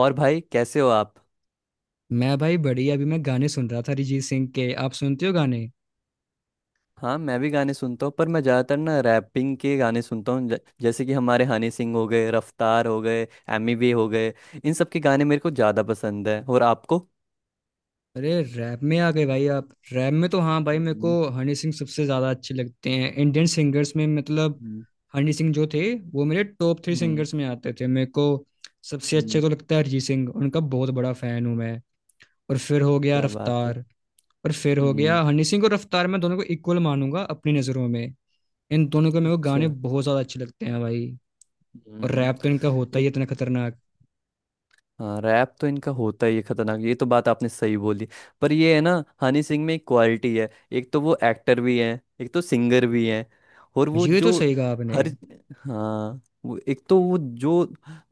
और भाई, कैसे हो आप? मैं भाई बढ़िया। अभी मैं गाने सुन रहा था अरिजीत सिंह के। आप सुनते हो गाने? हाँ, मैं भी गाने सुनता हूँ पर मैं ज़्यादातर ना रैपिंग के गाने सुनता हूँ। जैसे कि हमारे हनी सिंह हो गए, रफ्तार हो गए, एमी वे हो गए। इन सब के गाने मेरे को ज़्यादा पसंद है। और आपको? अरे रैप में आ गए भाई आप। रैप में तो हाँ भाई, मेरे को हम्म। हनी सिंह सबसे ज्यादा अच्छे लगते हैं इंडियन सिंगर्स में। हम्म। हनी सिंह जो थे, वो मेरे टॉप थ्री हम्म। सिंगर्स में आते थे। मेरे को सबसे अच्छे हम्म। तो लगता है अरिजीत सिंह, उनका बहुत बड़ा फैन हूँ मैं। और फिर हो गया क्या बात है। रफ्तार। और फिर हो गया हम्म। हनी सिंह और रफ्तार, मैं दोनों को इक्वल मानूंगा अपनी नज़रों में। इन दोनों के मेरे को अच्छा। गाने बहुत ज्यादा अच्छे लगते हैं भाई। और हम्म। रैप तो इनका होता ही है इतना खतरनाक। हाँ, रैप तो इनका होता ही है खतरनाक। ये तो बात आपने सही बोली। पर ये है ना, हनी सिंह में एक क्वालिटी है। एक तो वो एक्टर भी हैं, एक तो सिंगर भी हैं। और वो ये तो जो सही कहा आपने। हर हाँ, वो एक तो वो जो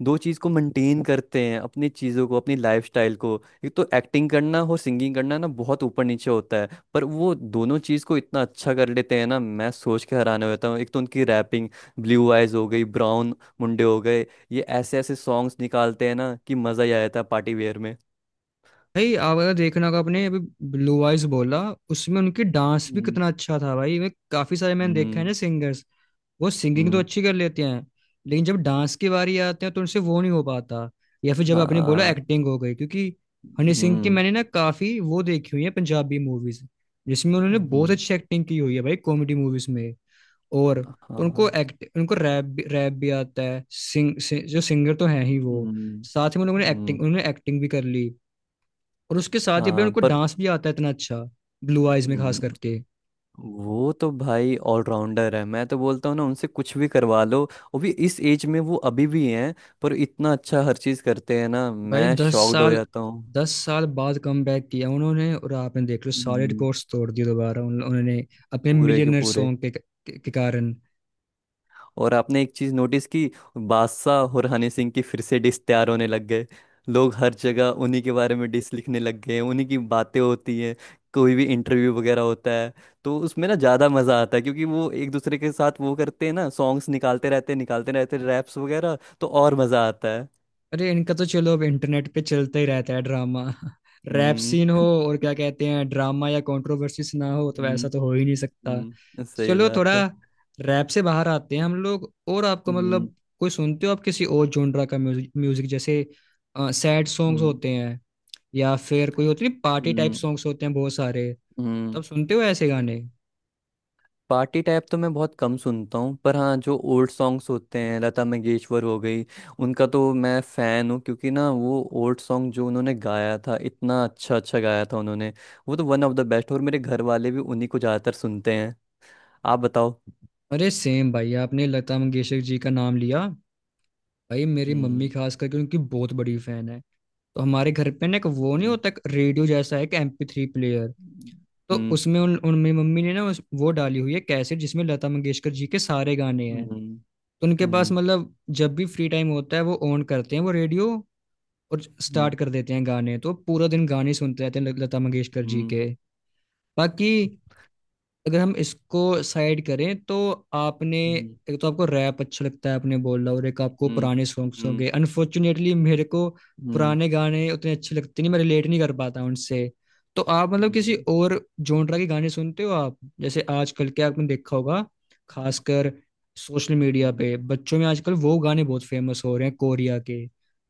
दो चीज़ को मेंटेन करते हैं, अपनी चीज़ों को, अपनी लाइफस्टाइल को। एक तो एक्टिंग करना और सिंगिंग करना ना बहुत ऊपर नीचे होता है पर वो दोनों चीज़ को इतना अच्छा कर लेते हैं ना, मैं सोच के हैरान हो जाता हूँ। एक तो उनकी रैपिंग, ब्लू आइज हो गई, ब्राउन मुंडे हो गए। ये ऐसे ऐसे सॉन्ग्स निकालते हैं ना कि मजा ही आ जाता है पार्टी वेयर में। भाई आप अगर देखना होगा, आपने अभी ब्लू आइज बोला, उसमें उनकी डांस भी हम्म। कितना अच्छा था। भाई वे काफी सारे मैंने देखा है हम्म। ना सिंगर्स, वो सिंगिंग तो हम्म। अच्छी कर लेते हैं लेकिन जब डांस की बारी आते हैं तो उनसे वो नहीं हो पाता। या फिर जब आपने बोला हाँ। एक्टिंग, हो गई क्योंकि हनी सिंह की हम्म। मैंने ना काफी वो देखी हुई है पंजाबी मूवीज, जिसमें उन्होंने बहुत हम्म। अच्छी एक्टिंग की हुई है भाई कॉमेडी मूवीज में। और तो उनको हाँ। एक्ट, उनको रैप भी आता है, जो सिंगर तो है ही हम्म। वो। साथ में उन्होंने हम्म। एक्टिंग उन्होंने एक्टिंग भी कर ली। और उसके साथ ही अपने हाँ, उनको पर डांस भी आता है इतना अच्छा, ब्लू आइज में खास हम्म। करके। वो तो भाई ऑलराउंडर है, मैं तो बोलता हूँ ना, उनसे कुछ भी करवा लो। वो भी इस एज में वो अभी भी हैं पर इतना अच्छा हर चीज़ करते हैं ना, भाई मैं दस शॉक्ड हो साल जाता हूँ। 10 साल बाद कम बैक किया उन्होंने और आपने देख लो सारे हम्म। रिकॉर्ड्स तोड़ दिए दोबारा उन्होंने अपने पूरे के मिलियनर पूरे। सॉन्ग के कारण। और आपने एक चीज नोटिस की, बादशाह और हनी सिंह की फिर से डिस तैयार होने लग गए। लोग हर जगह उन्हीं के बारे में डिस लिखने लग गए, उन्हीं की बातें होती हैं। कोई भी इंटरव्यू वगैरह होता है तो उसमें ना ज़्यादा मज़ा आता है क्योंकि वो एक दूसरे के साथ वो करते हैं ना, सॉन्ग्स निकालते रहते हैं, निकालते रहते हैं रैप्स वगैरह, तो और मज़ा आता है। अरे इनका तो चलो अब इंटरनेट पे चलता ही रहता है ड्रामा, रैप हम्म। सीन हो, और क्या कहते हैं, ड्रामा या कंट्रोवर्सीज ना हो तो हम्म। ऐसा तो हो ही नहीं सकता। तो सही चलो थोड़ा बात है। रैप से बाहर आते हैं हम लोग। और आपको हम्म। कोई सुनते हो आप किसी और जोनरा का म्यूजिक? म्यूजिक जैसे सैड सॉन्ग्स हम्म। होते हैं, या फिर कोई होती है पार्टी टाइप हम्म। सॉन्ग्स होते हैं बहुत सारे, हम्म। तब सुनते हो ऐसे गाने? पार्टी टाइप तो मैं बहुत कम सुनता हूँ पर हाँ, जो ओल्ड सॉन्ग्स होते हैं, लता मंगेशकर हो गई। उनका तो मैं फ़ैन हूँ क्योंकि ना वो ओल्ड सॉन्ग जो उन्होंने गाया था इतना अच्छा अच्छा गाया था उन्होंने। वो तो वन ऑफ द बेस्ट। और मेरे घर वाले भी उन्हीं को ज़्यादातर सुनते हैं। आप बताओ। अरे सेम भाई, आपने लता मंगेशकर जी का नाम लिया। भाई मेरी मम्मी हम्म। खास करके उनकी बहुत बड़ी फैन है। तो हमारे घर पे ना एक वो नहीं हम्म। होता, एक रेडियो जैसा है कि MP3 प्लेयर। तो हम्म। उसमें उन, उन मेरी मम्मी ने ना वो डाली हुई है कैसेट जिसमें लता मंगेशकर जी के सारे गाने हैं। तो उनके पास हम्म। जब भी फ्री टाइम होता है वो ऑन करते हैं वो रेडियो और हम्म। स्टार्ट कर देते हैं गाने, तो पूरा दिन गाने सुनते रहते हैं लता मंगेशकर जी हम्म। के। बाकी अगर हम इसको साइड करें तो आपने, हम्म। एक तो आपको रैप अच्छा लगता है आपने बोला, और एक आपको हम्म। पुराने हम्म। सॉन्ग्स हम्म। होंगे। अनफॉर्चुनेटली मेरे को हम्म। पुराने गाने उतने अच्छे लगते नहीं, मैं रिलेट नहीं कर पाता उनसे। तो आप किसी हम्म। और जॉनरा के गाने सुनते हो आप? जैसे आजकल के, आपने देखा होगा खासकर सोशल मीडिया हम्म। पे बच्चों में आजकल वो गाने बहुत फेमस हो रहे हैं कोरिया के,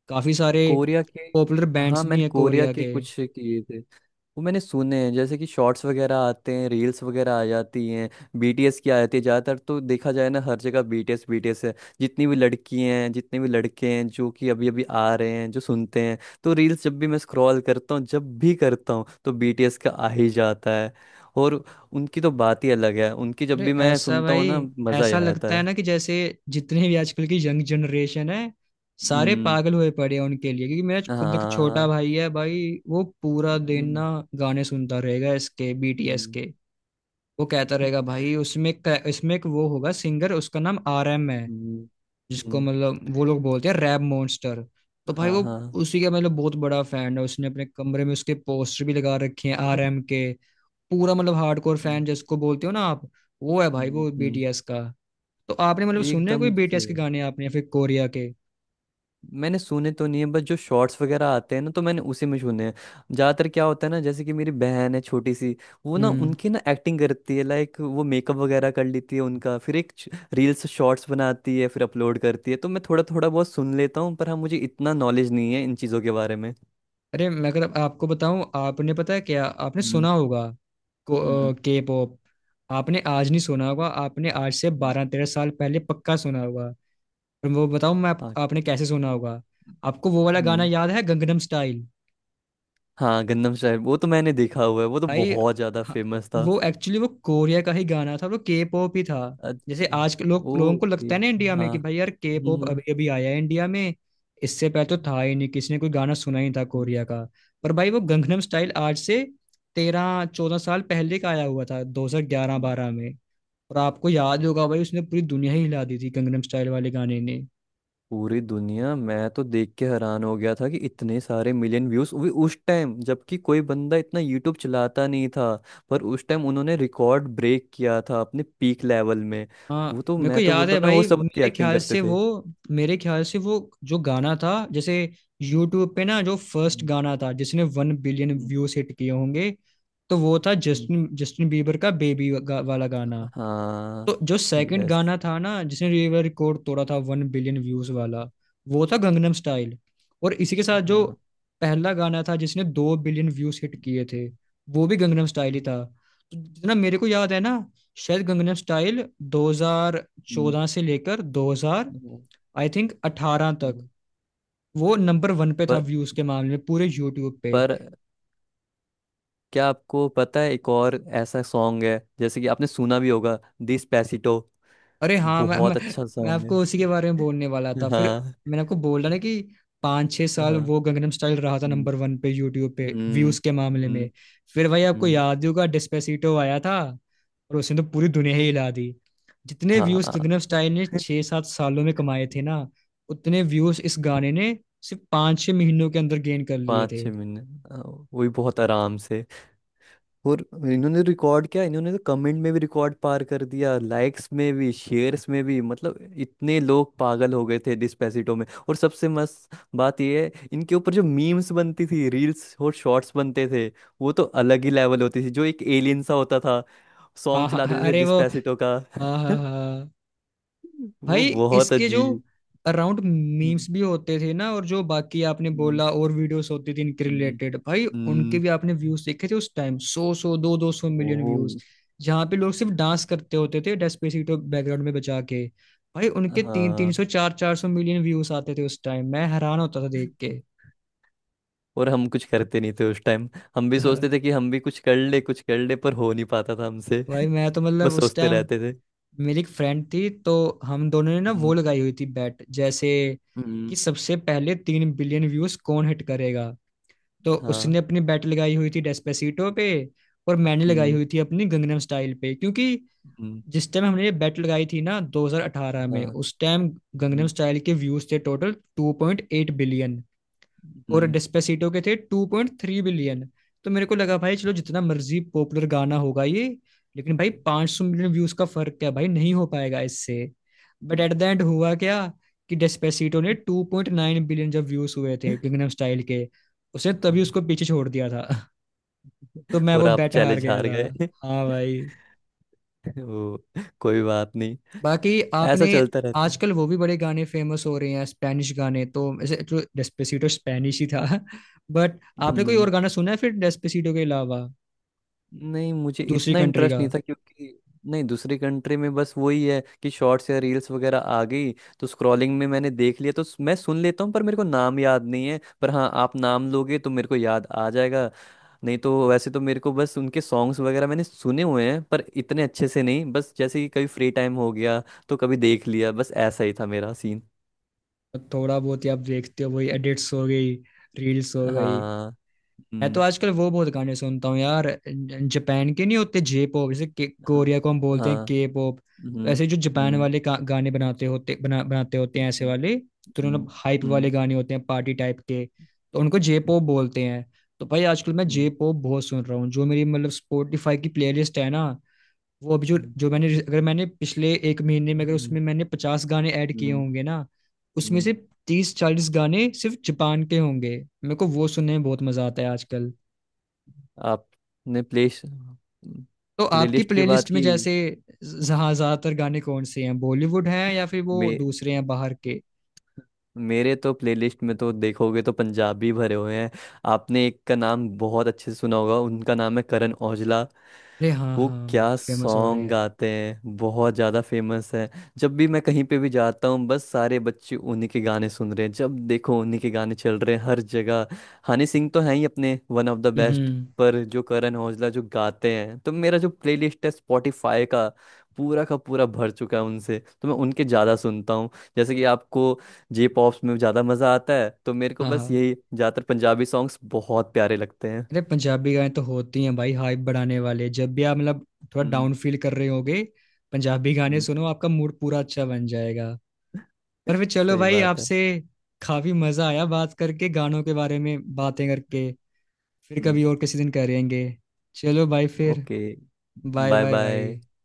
काफी सारे कोरिया के? पॉपुलर हाँ, बैंड्स भी मैंने हैं कोरिया कोरिया के के। कुछ किए थे। वो मैंने सुने हैं, जैसे कि शॉर्ट्स वगैरह आते हैं, रील्स वगैरह आ जाती हैं, बीटीएस की आ जाती है ज़्यादातर। तो देखा जाए ना, हर जगह बीटीएस बीटीएस है। जितनी भी लड़की हैं, जितने भी लड़के हैं जो कि अभी अभी आ रहे हैं जो सुनते हैं, तो रील्स जब भी मैं स्क्रॉल करता हूँ, जब भी करता हूँ तो बीटीएस का आ ही जाता है। और उनकी तो बात ही अलग है, उनकी जब अरे भी मैं ऐसा सुनता हूँ ना, भाई, मज़ा ही ऐसा आ जाता लगता है है। ना कि जैसे जितने भी आजकल की यंग जनरेशन है सारे हम्म। पागल हुए पड़े हैं उनके लिए। क्योंकि मेरा खुद एक छोटा हाँ। भाई है भाई, वो पूरा दिन हम्म। ना गाने सुनता रहेगा इसके बीटीएस हम्म। के। वो कहता रहेगा भाई उसमें इसमें एक वो होगा सिंगर, उसका नाम आरएम है, हम्म। जिसको हम्म। वो लोग बोलते हैं रैप मॉन्स्टर। तो भाई हाँ, वो हाँ। उसी का बहुत बड़ा फैन है, उसने अपने कमरे में उसके पोस्टर भी लगा रखे हैं आरएम के। पूरा हार्डकोर हम्म। फैन जिसको बोलते हो ना आप, वो है भाई हम्म। वो हम्म। बीटीएस का। तो आपने सुने हैं कोई एकदम से बीटीएस के गाने आपने या फिर कोरिया के? मैंने सुने तो नहीं है, बस जो शॉर्ट्स वगैरह आते हैं ना तो मैंने उसी में सुने हैं। ज्यादातर क्या होता है ना, जैसे कि मेरी बहन है छोटी सी, वो ना हम्म। उनकी ना एक्टिंग करती है, लाइक वो मेकअप वगैरह कर लेती है उनका, फिर एक रील्स शॉर्ट्स बनाती है, फिर अपलोड करती है। तो मैं थोड़ा थोड़ा बहुत सुन लेता हूँ पर हाँ, मुझे इतना नॉलेज नहीं है इन चीज़ों के बारे में। अरे मैं अगर आपको बताऊं, आपने पता है क्या, आपने हम्म। सुना होगा हम्म। के पॉप। आपने आज नहीं सुना होगा, आपने आज से हम्म। 12-13 साल पहले पक्का सुना होगा। और वो बताऊं मैं हाँ। आपने कैसे सुना होगा। आपको वो वाला गाना हम्म। याद है गंगनम स्टाइल? हाँ, गंदम साहब वो तो मैंने देखा हुआ है, वो तो भाई बहुत ज्यादा हाँ, फेमस था। वो एक्चुअली वो कोरिया का ही गाना था, वो के पॉप ही था। जैसे अच्छा। आज के लोगों को ओके। लगता है ना इंडिया में हाँ। कि भाई यार के पॉप हम्म। अभी अभी आया है इंडिया में, इससे पहले तो था ही नहीं, किसी ने कोई गाना सुना ही नहीं था हम्म। कोरिया का। पर भाई वो गंगनम स्टाइल आज से 13-14 साल पहले का आया हुआ था, 2011-12 में। और आपको याद होगा भाई उसने पूरी दुनिया ही हिला दी थी गंगनम स्टाइल वाले गाने ने। पूरी दुनिया, मैं तो देख के हैरान हो गया था कि इतने सारे मिलियन व्यूज भी उस टाइम, जबकि कोई बंदा इतना यूट्यूब चलाता नहीं था। पर उस टाइम उन्होंने रिकॉर्ड ब्रेक किया था अपने पीक लेवल में। वो हाँ तो मेरे को मैं तो याद बोलता है हूँ ना, हो भाई। सब की मेरे एक्टिंग ख्याल करते से वो थे। मेरे ख्याल से वो जो गाना था जैसे यूट्यूब पे ना जो फर्स्ट हम्म। गाना था जिसने वन बिलियन हम्म। व्यूज हिट किए होंगे, तो वो था हम्म। जस्टिन जस्टिन बीबर का बेबी वाला गाना। हाँ। तो जो सेकंड यस। गाना था ना जिसने ये रिकॉर्ड तोड़ा था वन बिलियन व्यूज वाला, वो था गंगनम स्टाइल। और इसी के साथ जो हाँ। पहला गाना था जिसने दो बिलियन व्यूज हिट किए थे हम्म। वो भी गंगनम स्टाइल ही था। तो जितना मेरे को याद है ना, शायद गंगनम स्टाइल हम्म। 2014 से लेकर 2000, हम्म। आई थिंक, 18 तक हम्म। वो नंबर वन पे था पर। व्यूज के मामले में पूरे यूट्यूब पे। पर क्या आपको पता है, एक और ऐसा सॉन्ग है जैसे कि आपने सुना भी होगा, डिस्पेसिटो। अरे हाँ, मैं, बहुत मैं अच्छा मैं सॉन्ग आपको उसी है। के बारे में बोलने वाला था फिर। हाँ। मैंने आपको बोला ना कि 5-6 साल हाँ वो गंगनम स्टाइल रहा था हम्म। नंबर वन पे यूट्यूब पे हम्म। व्यूज के मामले हम्म। में। फिर भाई आपको हम्म। याद ही होगा डिस्पेसिटो आया था, और उसने तो पूरी दुनिया ही हिला दी। जितने व्यूज हाँ, गंगनम स्टाइल ने 6-7 सालों में कमाए थे ना, उतने व्यूज इस गाने ने सिर्फ 5-6 महीनों के अंदर गेन कर लिए पाँच थे। छः मिनट, हाँ, वो भी बहुत आराम से। और इन्होंने रिकॉर्ड किया, इन्होंने तो कमेंट में भी रिकॉर्ड पार कर दिया, लाइक्स में भी, शेयर्स में भी। मतलब इतने लोग पागल हो गए थे डिस्पेसिटो में। और सबसे मस्त बात ये है, इनके ऊपर जो मीम्स बनती थी, रील्स और शॉर्ट्स बनते थे, वो तो अलग ही लेवल होती थी, जो एक एलियन सा होता था, हाँ सॉन्ग हाँ चला हाँ, देते थे अरे वो, डिस्पेसिटो का। हाँ हाँ हाँ, वो भाई बहुत इसके जो अजीब। अराउंड मीम्स हम्म। भी होते थे ना और जो बाकी आपने हम्म। बोला और वीडियोस होती थी इनके हम्म। रिलेटेड भाई, उनके हम्म। भी आपने व्यूज देखे थे उस टाइम, सौ सौ दो दो सौ ओ। मिलियन व्यूज, जहाँ पे लोग सिर्फ डांस करते होते थे डेस्पेसिटो बैकग्राउंड में बजा के। भाई उनके तीन तीन हाँ, सौ चार चार सौ मिलियन व्यूज आते थे उस टाइम, मैं हैरान होता था देख के और हम कुछ करते नहीं थे उस टाइम। हम भी हाँ, सोचते थे कि हम भी कुछ कर ले, कुछ कर ले पर हो नहीं पाता था हमसे। भाई मैं तो बस उस सोचते टाइम रहते थे। मेरी एक फ्रेंड थी, तो हम दोनों ने ना वो हम्म। लगाई हुई थी बैट जैसे हम्म। कि सबसे पहले 3 बिलियन व्यूज कौन हिट करेगा। तो उसने हाँ। अपनी बेट लगाई हुई थी डेस्पेसीटो पे, और मैंने लगाई हम्म। हुई थी अपनी गंगनम स्टाइल पे। क्योंकि हम्म। जिस टाइम हमने ये बेट लगाई थी ना 2018 में, हाँ। उस टाइम गंगनम हम्म। स्टाइल के व्यूज थे टोटल 2.8 बिलियन और हम्म। डेस्पेसिटो के थे 2.3 बिलियन। तो मेरे को लगा भाई चलो जितना मर्जी पॉपुलर गाना होगा ये, लेकिन भाई 500 मिलियन व्यूज का फर्क क्या भाई नहीं हो पाएगा इससे। बट हम्म। एट द एंड हुआ क्या कि डेस्पेसिटो ने 2.9 बिलियन जब व्यूज हुए थे किंगडम स्टाइल के, उसने तभी उसको हाँ। पीछे छोड़ दिया था तो मैं और वो आप बेट हार चैलेंज गया हार था। गए। हाँ भाई। वो, कोई बात नहीं। बाकी ऐसा आपने, चलता रहता है। आजकल वो भी बड़े गाने फेमस हो रहे हैं स्पेनिश गाने। तो ऐसे तो डेस्पेसिटो स्पेनिश ही था बट आपने कोई और हम्म। गाना सुना है फिर डेस्पेसिटो के अलावा, नहीं, मुझे दूसरी इतना कंट्री इंटरेस्ट का? नहीं था, क्योंकि नहीं, दूसरी कंट्री में बस वही है कि शॉर्ट्स या रील्स वगैरह आ गई, तो स्क्रॉलिंग में मैंने देख लिया तो मैं सुन लेता हूँ, पर मेरे को नाम याद नहीं है। पर हाँ, आप नाम लोगे तो मेरे को याद आ जाएगा। नहीं तो वैसे तो मेरे को बस उनके सॉन्ग्स वगैरह मैंने सुने हुए हैं, पर इतने अच्छे से नहीं, बस जैसे कि कभी फ्री टाइम हो गया तो कभी देख लिया, बस ऐसा ही था मेरा सीन। थोड़ा बहुत ही आप देखते हो, वही एडिट्स हो गई, रील्स हो गई। हाँ। मैं तो हम्म। आजकल वो बहुत गाने सुनता हूँ यार, जापान के नहीं होते जे पॉप, जैसे हाँ। कोरिया को हम बोलते हैं हाँ। के पॉप, तो हम्म। ऐसे जो जापान हम्म। वाले गाने बनाते होते हैं ऐसे हम्म। वाले, तो उन्होंने हम्म। हाइप वाले हम्म। गाने होते हैं पार्टी टाइप के, तो उनको जे पॉप बोलते हैं। तो भाई आजकल मैं जे हम्म। पॉप बहुत सुन रहा हूँ। जो मेरी स्पॉटिफाई की प्लेलिस्ट है ना, वो अभी जो हम्म। जो मैंने अगर मैंने पिछले एक महीने में अगर हम्म। उसमें मैंने 50 गाने ऐड किए हम्म। होंगे ना, उसमें से हम्म। 30-40 गाने सिर्फ जापान के होंगे। मेरे को वो सुनने में बहुत मजा आता है आजकल। आपने प्ले तो आपकी प्लेलिस्ट की बात प्लेलिस्ट में की। जैसे, जहाँ ज्यादातर गाने कौन से हैं, बॉलीवुड हैं या फिर वो मे, दूसरे हैं बाहर के? मेरे तो प्लेलिस्ट में तो देखोगे तो पंजाबी भरे हुए हैं। आपने एक का नाम बहुत अच्छे से सुना होगा, उनका नाम है करण औजला। अरे हाँ वो हाँ, क्या बहुत फेमस हो रहे सॉन्ग हैं। गाते हैं, बहुत ज़्यादा फेमस है। जब भी मैं कहीं पे भी जाता हूँ, बस सारे बच्चे उन्हीं के गाने सुन रहे हैं, जब देखो उन्हीं के गाने चल रहे हैं हर जगह। हनी सिंह तो हैं ही अपने वन ऑफ द बेस्ट, हम्म। पर जो करण औजला जो गाते हैं, तो मेरा जो प्लेलिस्ट है स्पॉटिफाई का, पूरा का पूरा भर चुका है उनसे, तो मैं उनके ज़्यादा सुनता हूँ। जैसे कि आपको जे पॉप्स में ज़्यादा मज़ा आता है, तो मेरे को हाँ हाँ। बस यही, ज़्यादातर पंजाबी सॉन्ग्स बहुत प्यारे लगते हैं। अरे पंजाबी गाने तो होती हैं भाई हाइप बढ़ाने वाले, जब भी आप थोड़ा हम्म। डाउन फील कर रहे होगे, पंजाबी गाने हम्म, सुनो, आपका मूड पूरा अच्छा बन जाएगा। पर फिर चलो सही भाई बात है। आपसे काफी मजा आया, बात करके गानों के बारे में बातें करके। फिर हम्म। कभी और किसी दिन करेंगे। चलो भाई फिर, okay. Bye bye bye bye. भाई।